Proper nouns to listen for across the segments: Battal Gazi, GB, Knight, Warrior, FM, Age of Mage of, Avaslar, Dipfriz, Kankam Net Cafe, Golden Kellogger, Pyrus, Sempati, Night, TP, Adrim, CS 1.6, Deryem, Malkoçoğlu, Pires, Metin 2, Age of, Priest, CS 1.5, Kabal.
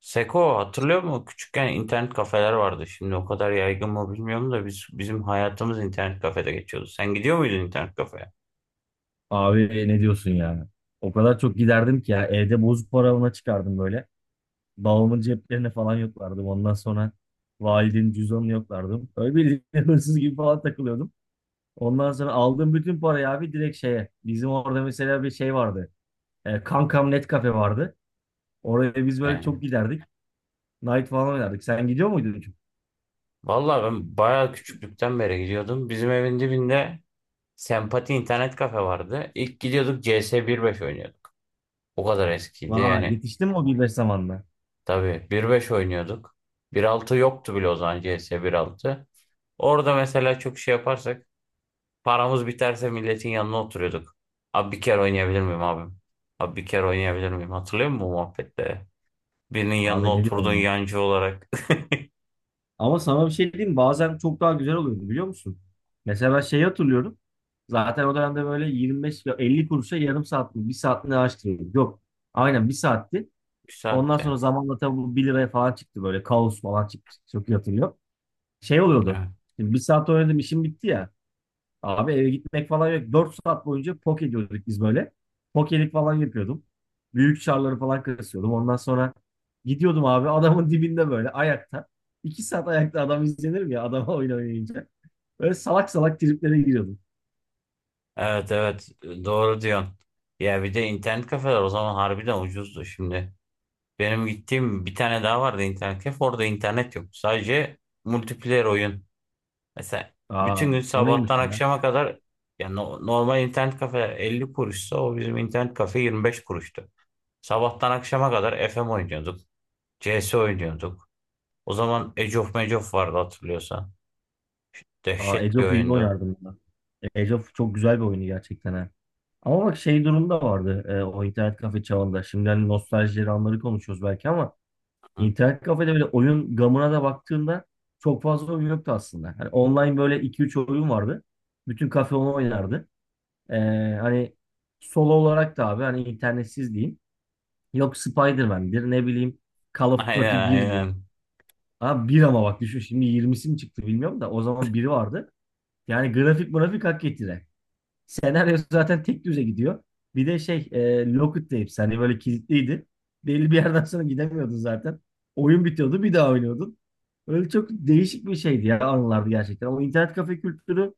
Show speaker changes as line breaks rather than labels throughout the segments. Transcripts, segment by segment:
Seko hatırlıyor musun? Küçükken internet kafeler vardı. Şimdi o kadar yaygın mı bilmiyorum da bizim hayatımız internet kafede geçiyordu. Sen gidiyor muydun internet kafeye?
Abi ne diyorsun ya? O kadar çok giderdim ki ya, evde bozuk para ona çıkardım böyle. Babamın ceplerine falan yoklardım. Ondan sonra validenin cüzdanını yoklardım. Öyle bir hırsız gibi falan takılıyordum. Ondan sonra aldığım bütün parayı abi direkt şeye. Bizim orada mesela bir şey vardı. Kankam Net Cafe vardı. Oraya biz böyle çok
Ee,
giderdik. Night falan oynardık. Sen gidiyor muydun?
vallahi ben bayağı küçüklükten beri gidiyordum. Bizim evin dibinde Sempati internet kafe vardı. İlk gidiyorduk CS 1.5 oynuyorduk. O kadar eskiydi
Vay,
yani.
yetiştin mi o 1.5 zamanla?
Tabii 1.5 oynuyorduk. 1.6 yoktu bile o zaman CS 1.6. Orada mesela çok şey yaparsak paramız biterse milletin yanına oturuyorduk. Abi bir kere oynayabilir miyim abim? Abi bir kere oynayabilir miyim? Hatırlıyor musun bu muhabbette? Birinin yanına
Abi ne diyorsun
oturdun
ya?
yancı olarak.
Ama sana bir şey diyeyim mi? Bazen çok daha güzel oluyordu, biliyor musun? Mesela ben şeyi hatırlıyorum. Zaten o dönemde böyle 25 ve 50 kuruşa yarım saat mi, bir saat mi ne araştırıyorduk. Yok. Aynen bir saatti. Ondan
Güzeldi.
sonra zamanla tabii bu 1 liraya falan çıktı, böyle kaos falan çıktı. Çok iyi hatırlıyorum. Şey oluyordu.
Evet.
Şimdi bir saat oynadım, işim bitti ya. Abi eve gitmek falan yok. 4 saat boyunca pok ediyorduk biz böyle. Pokelik falan yapıyordum. Büyük çarları falan kasıyordum. Ondan sonra gidiyordum abi adamın dibinde böyle ayakta. 2 saat ayakta adam izlenir mi ya, adama oyun oynayınca? Böyle salak salak triplere giriyordum.
Evet evet, doğru diyorsun. Ya bir de internet kafeler o zaman harbiden ucuzdu şimdi. Benim gittiğim bir tane daha vardı internet kafe. Orada internet yok. Sadece multiplayer oyun. Mesela
Aa,
bütün gün
o neymiş
sabahtan
ya?
akşama kadar ya normal internet kafe 50 kuruşsa o bizim internet kafe 25 kuruştu. Sabahtan akşama kadar FM oynuyorduk. CS oynuyorduk. O zaman Age of Mage of vardı hatırlıyorsan.
Aa,
Dehşet
Age
bir
of iyi
oyundu.
oynardım ben. Age of çok güzel bir oyunu gerçekten, ha. Ama bak şey durumda vardı, o internet kafe çağında. Şimdi hani nostaljileri anları konuşuyoruz belki ama
Hı.
İnternet kafede böyle oyun gamına da baktığımda çok fazla oyun yoktu aslında. Hani online böyle iki üç oyun vardı. Bütün kafe onu oynardı. Ee, hani solo olarak da abi, hani internetsiz diyeyim. Yok Spider-Man'dir, ne bileyim Call of
Aynen
Duty 1'dir.
aynen.
Abi bir ama bak düşün, şimdi 20'si mi çıktı bilmiyorum da o zaman biri vardı. Yani grafik grafik hak getire. Senaryo zaten tek düze gidiyor. Bir de şey, Lockett de hepsi hani böyle kilitliydi. Belli bir yerden sonra gidemiyordun zaten. Oyun bitiyordu, bir daha oynuyordun. Öyle çok değişik bir şeydi ya, anılardı gerçekten. Ama internet kafe kültürü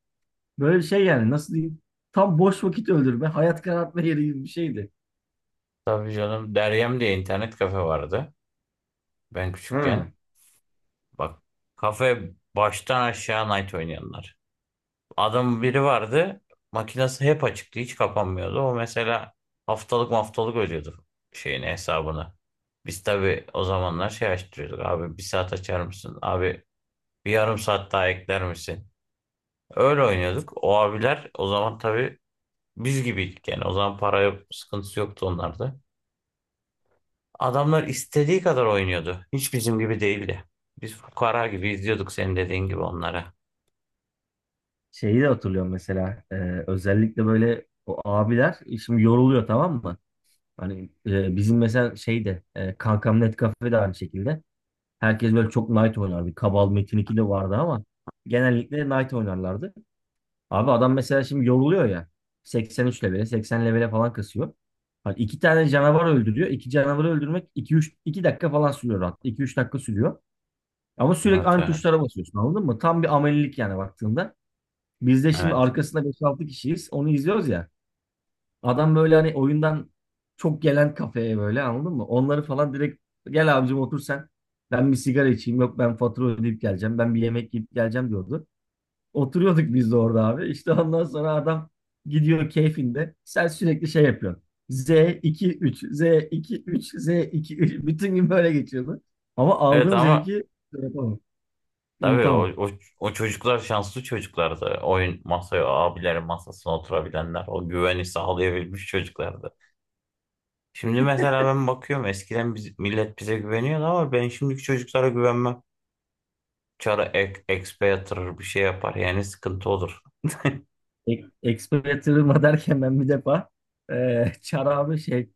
böyle şey yani, nasıl diyeyim, tam boş vakit öldürme, hayat karartma yeri gibi bir şeydi.
Tabii canım. Deryem diye internet kafe vardı. Ben
Ha.
küçükken. Bak, kafe baştan aşağı night oynayanlar. Adam biri vardı. Makinesi hep açıktı. Hiç kapanmıyordu. O mesela haftalık haftalık ödüyordu şeyini, hesabını. Biz tabii o zamanlar şey açtırıyorduk. Abi bir saat açar mısın? Abi, bir yarım saat daha ekler misin? Öyle oynuyorduk. O abiler o zaman tabii biz gibiydik yani. O zaman para yok, sıkıntısı yoktu onlarda. Adamlar istediği kadar oynuyordu. Hiç bizim gibi değildi. Biz fukara gibi izliyorduk senin dediğin gibi onlara.
Şeyi de hatırlıyorum mesela, özellikle böyle o abiler şimdi yoruluyor, tamam mı? Hani bizim mesela şeyde, Kankam Net Cafe de aynı şekilde. Herkes böyle çok Knight oynar. Bir Kabal Metin 2 de vardı ama genellikle Knight oynarlardı. Abi adam mesela şimdi yoruluyor ya. 83 levele, 80 levele falan kasıyor. Hani iki tane canavar öldürüyor. İki canavarı öldürmek 2-3, 2 dakika falan sürüyor rahat. 2-3 dakika sürüyor. Ama sürekli
Evet
aynı
evet.
tuşlara basıyorsun, anladın mı? Tam bir amelilik yani baktığında. Biz de şimdi
Evet.
arkasında 5-6 kişiyiz. Onu izliyoruz ya. Adam böyle hani oyundan çok gelen kafeye böyle, anladın mı? Onları falan direkt, gel abicim otur sen. Ben bir sigara içeyim. Yok, ben fatura ödeyip geleceğim. Ben bir yemek yiyip geleceğim diyordu. Oturuyorduk biz de orada abi. İşte ondan sonra adam gidiyor keyfinde. Sen sürekli şey yapıyorsun. Z2-3, Z2-3, Z2-3. Bütün gün böyle geçiyordu. Ama
Evet
aldığım
ama
zevki şey yapamam.
tabii o,
Unutamam.
o, o çocuklar şanslı çocuklardı. Oyun masaya, o abilerin masasına oturabilenler, o güveni sağlayabilmiş çocuklardı. Şimdi mesela ben bakıyorum eskiden biz, millet bize güveniyordu ama ben şimdiki çocuklara güvenmem. Çara ek, expe yatırır bir şey yapar. Yani sıkıntı olur.
E Exploiter'ıma derken, ben bir defa Çar abi şey,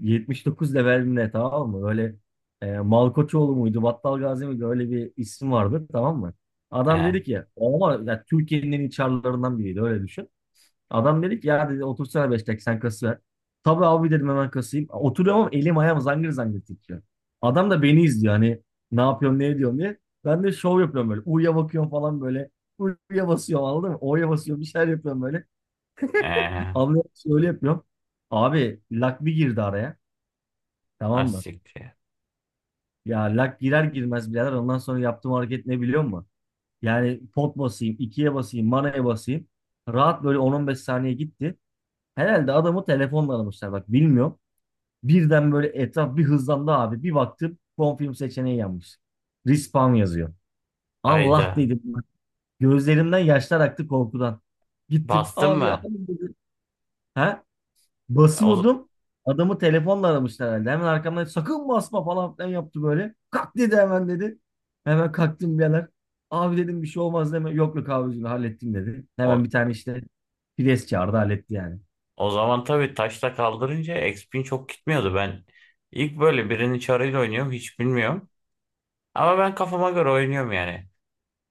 79 levelimle, tamam mı? Böyle Malkoçoğlu muydu, Battal Gazi miydi? Öyle bir isim vardı, tamam mı? Adam
Ee,
dedi ki ama ya, Türkiye'nin en iyi çarlarından biriydi, öyle düşün. Adam dedi ki ya, dedi, otursana 5 dakika sen kası ver. Tabii abi dedim, hemen kasayım. Oturuyorum ama elim ayağım zangır zangır titriyor. Adam da beni izliyor hani ne yapıyorum, ne ediyorum diye. Ben de şov yapıyorum böyle. U'ya bakıyorum falan böyle. U'ya basıyorum, anladın mı? O'ya basıyorum, bir şeyler yapıyorum böyle.
ee,
Anlıyorum, öyle yapıyorum. Abi lak bir girdi araya. Tamam
az
mı?
siktir.
Ya lak girer girmez birader, ondan sonra yaptığım hareket ne biliyor musun? Yani pot basayım, ikiye basayım, manaya basayım. Rahat böyle 10-15 saniye gitti. Herhalde adamı telefonla aramışlar bak, bilmiyorum. Birden böyle etraf bir hızlandı abi. Bir baktım, film seçeneği yanmış. Respawn yazıyor. Allah
Hayda.
dedim. Gözlerimden yaşlar aktı korkudan. Gittim,
Bastın
abi abi
mı?
dedi. He?
O,
Basıyordum. Adamı telefonla aramışlar herhalde. Hemen arkamdan sakın basma falan filan yaptı böyle. Kalk dedi, hemen dedi. Hemen kalktım birader. Abi dedim, bir şey olmaz deme. Yok yok abicim, hallettim dedi. Hemen
o,
bir tane işte pres çağırdı, halletti yani.
o zaman tabii taşla kaldırınca exp'in çok gitmiyordu. Ben ilk böyle birinin çarıyla oynuyorum. Hiç bilmiyorum. Ama ben kafama göre oynuyorum yani.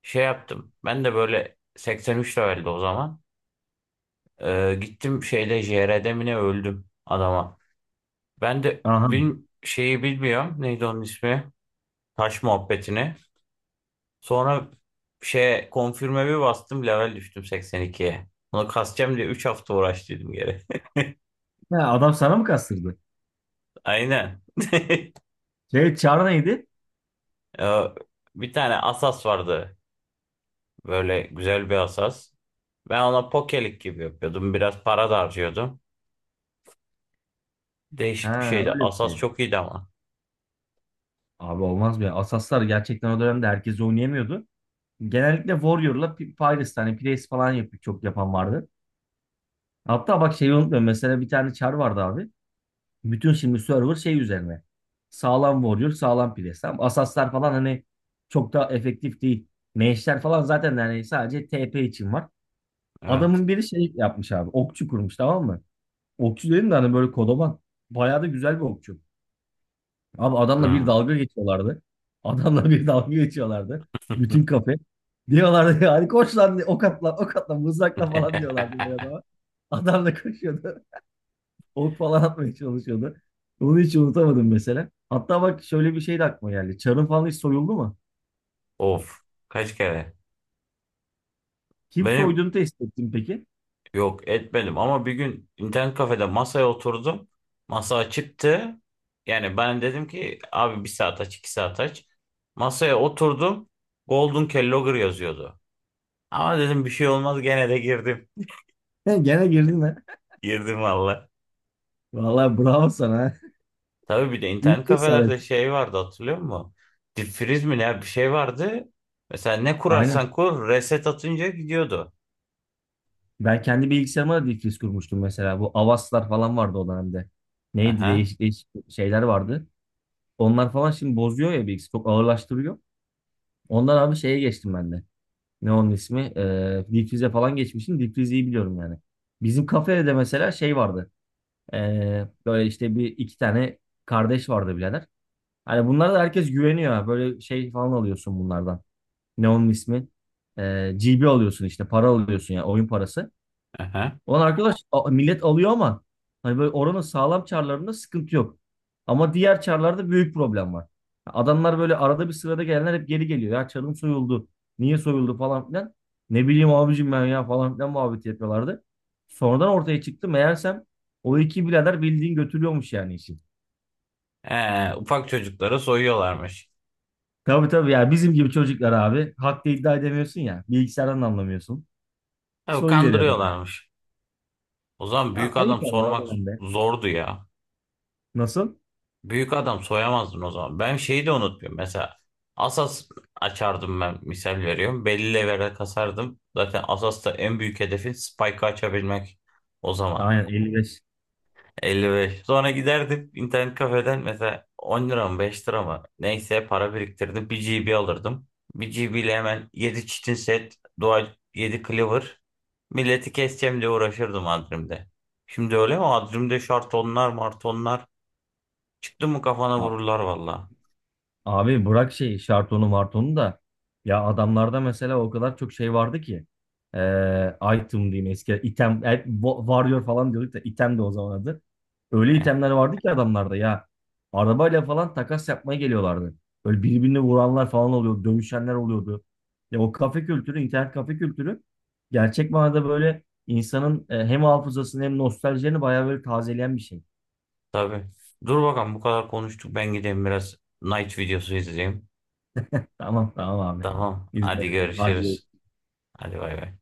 Şey yaptım. Ben de böyle 83 leveldi o zaman. Gittim şeyle JR'de mi ne öldüm adama. Ben de
Aha.
şeyi bilmiyorum. Neydi onun ismi? Taş muhabbetini. Sonra şey konfirme bir bastım level düştüm 82'ye. Onu kasacağım diye 3 hafta uğraştıydım geri.
Ha, adam sana mı kastırdı?
Aynen.
Şey çağrı neydi?
Ya, bir tane asas vardı. Böyle güzel bir asas. Ben ona pokelik gibi yapıyordum. Biraz para da harcıyordum. Değişik bir
Ha,
şeydi.
öyle bir
Asas
şey.
çok iyiydi ama.
Abi olmaz be. Asaslar gerçekten o dönemde herkes oynayamıyordu. Genellikle Warrior'la Pyrus, hani Pires falan yapıp çok yapan vardı. Hatta bak şeyi unutmuyorum. Mesela bir tane Char vardı abi. Bütün şimdi server şey üzerine. Sağlam Warrior, sağlam Priest. Tamam. Asaslar falan hani çok da efektif değil. Mage'ler falan zaten hani sadece TP için var.
Evet.
Adamın biri şey yapmış abi. Okçu kurmuş, tamam mı? Okçu dedim de hani böyle kodoman. Bayağı da güzel bir okçu. Abi adamla bir
Hmm.
dalga geçiyorlardı. Adamla bir dalga geçiyorlardı. Bütün kafe. Diyorlardı yani, koş lan, ok at lan, ok at lan, mızrakla falan diyorlardı böyle adama. Adam da koşuyordu, ok falan atmaya çalışıyordu. Onu hiç unutamadım mesela. Hatta bak, şöyle bir şey de aklıma geldi. Çarın falan hiç soyuldu mu?
Of. Kaç kere?
Kim
Benim,
soyduğunu test ettin peki?
yok etmedim ama bir gün internet kafede masaya oturdum. Masa açıktı. Yani ben dedim ki abi bir saat aç 2 saat aç. Masaya oturdum. Golden Kellogger yazıyordu. Ama dedim bir şey olmaz, gene de girdim.
Gene girdin ha.
Girdim valla.
Vallahi bravo sana, ha.
Tabii bir de
Büyük
internet
cesaret.
kafelerde şey vardı hatırlıyor musun? Dipfriz mi ne bir şey vardı. Mesela ne
Aynen.
kurarsan kur reset atınca gidiyordu.
Ben kendi bilgisayarıma da difriz kurmuştum mesela. Bu Avaslar falan vardı o dönemde. Neydi,
Aha,
değişik değişik şeyler vardı. Onlar falan şimdi bozuyor ya bilgisayarı. Çok ağırlaştırıyor. Ondan abi şeye geçtim ben de. Ne onun ismi? Difrize falan geçmişim. Difrizi iyi biliyorum yani. Bizim kafede de mesela şey vardı. Böyle işte bir iki tane kardeş vardı birader. Hani bunlara da herkes güveniyor, ha. Böyle şey falan alıyorsun bunlardan. Ne onun ismi? GB alıyorsun işte, para alıyorsun ya, oyun parası.
aha.
Ulan arkadaş, millet alıyor ama hani böyle oranın sağlam çarlarında sıkıntı yok. Ama diğer çarlarda büyük problem var. Adamlar böyle arada bir sırada gelenler hep geri geliyor. Ya çarım soyuldu. Niye soyuldu falan filan. Ne bileyim abicim ben ya falan filan muhabbet yapıyorlardı. Sonradan ortaya çıktı. Meğersem o iki birader bildiğin götürüyormuş yani işi.
Ufak çocuklara soyuyorlarmış.
Tabii tabii ya, bizim gibi çocuklar abi. Hakta iddia edemiyorsun ya. Bilgisayardan da anlamıyorsun.
Tabii
Soyu veriyor adam.
kandırıyorlarmış. O zaman
Ya
büyük adam
ayıp ama o
sormak
dönemde.
zordu ya.
Nasıl?
Büyük adam soyamazdın o zaman. Ben şeyi de unutmuyorum. Mesela asas açardım ben, misal veriyorum. Belli levele kasardım. Zaten Asas'ta en büyük hedefin Spike'ı açabilmek o zaman.
Aynen 55.
55. Sonra giderdim internet kafeden mesela 10 lira mı 5 lira mı neyse para biriktirdim. Bir GB alırdım. Bir GB ile hemen 7 çitin set, dual 7 cleaver. Milleti keseceğim diye uğraşırdım Adrim'de. Şimdi öyle mi? Adrim'de şartonlar martonlar. Çıktı mı kafana vururlar valla.
Abi bırak şey şartonu martonu da ya, adamlarda mesela o kadar çok şey vardı ki, item diyeyim, eski item, warrior falan diyorduk da item de o zaman adı. Öyle
Eh,
itemler vardı ki adamlarda ya, arabayla falan takas yapmaya geliyorlardı. Böyle birbirini vuranlar falan oluyordu, dövüşenler oluyordu. Ya o kafe kültürü, internet kafe kültürü gerçek manada böyle insanın hem hafızasını hem nostaljilerini bayağı böyle tazeleyen bir şey.
tabii. Dur bakalım, bu kadar konuştuk. Ben gideyim biraz night videosu izleyeyim.
Tamam tamam abi.
Tamam.
İzin
Hadi
veriyorum.
görüşürüz.
Hadi.
Hadi bay bay.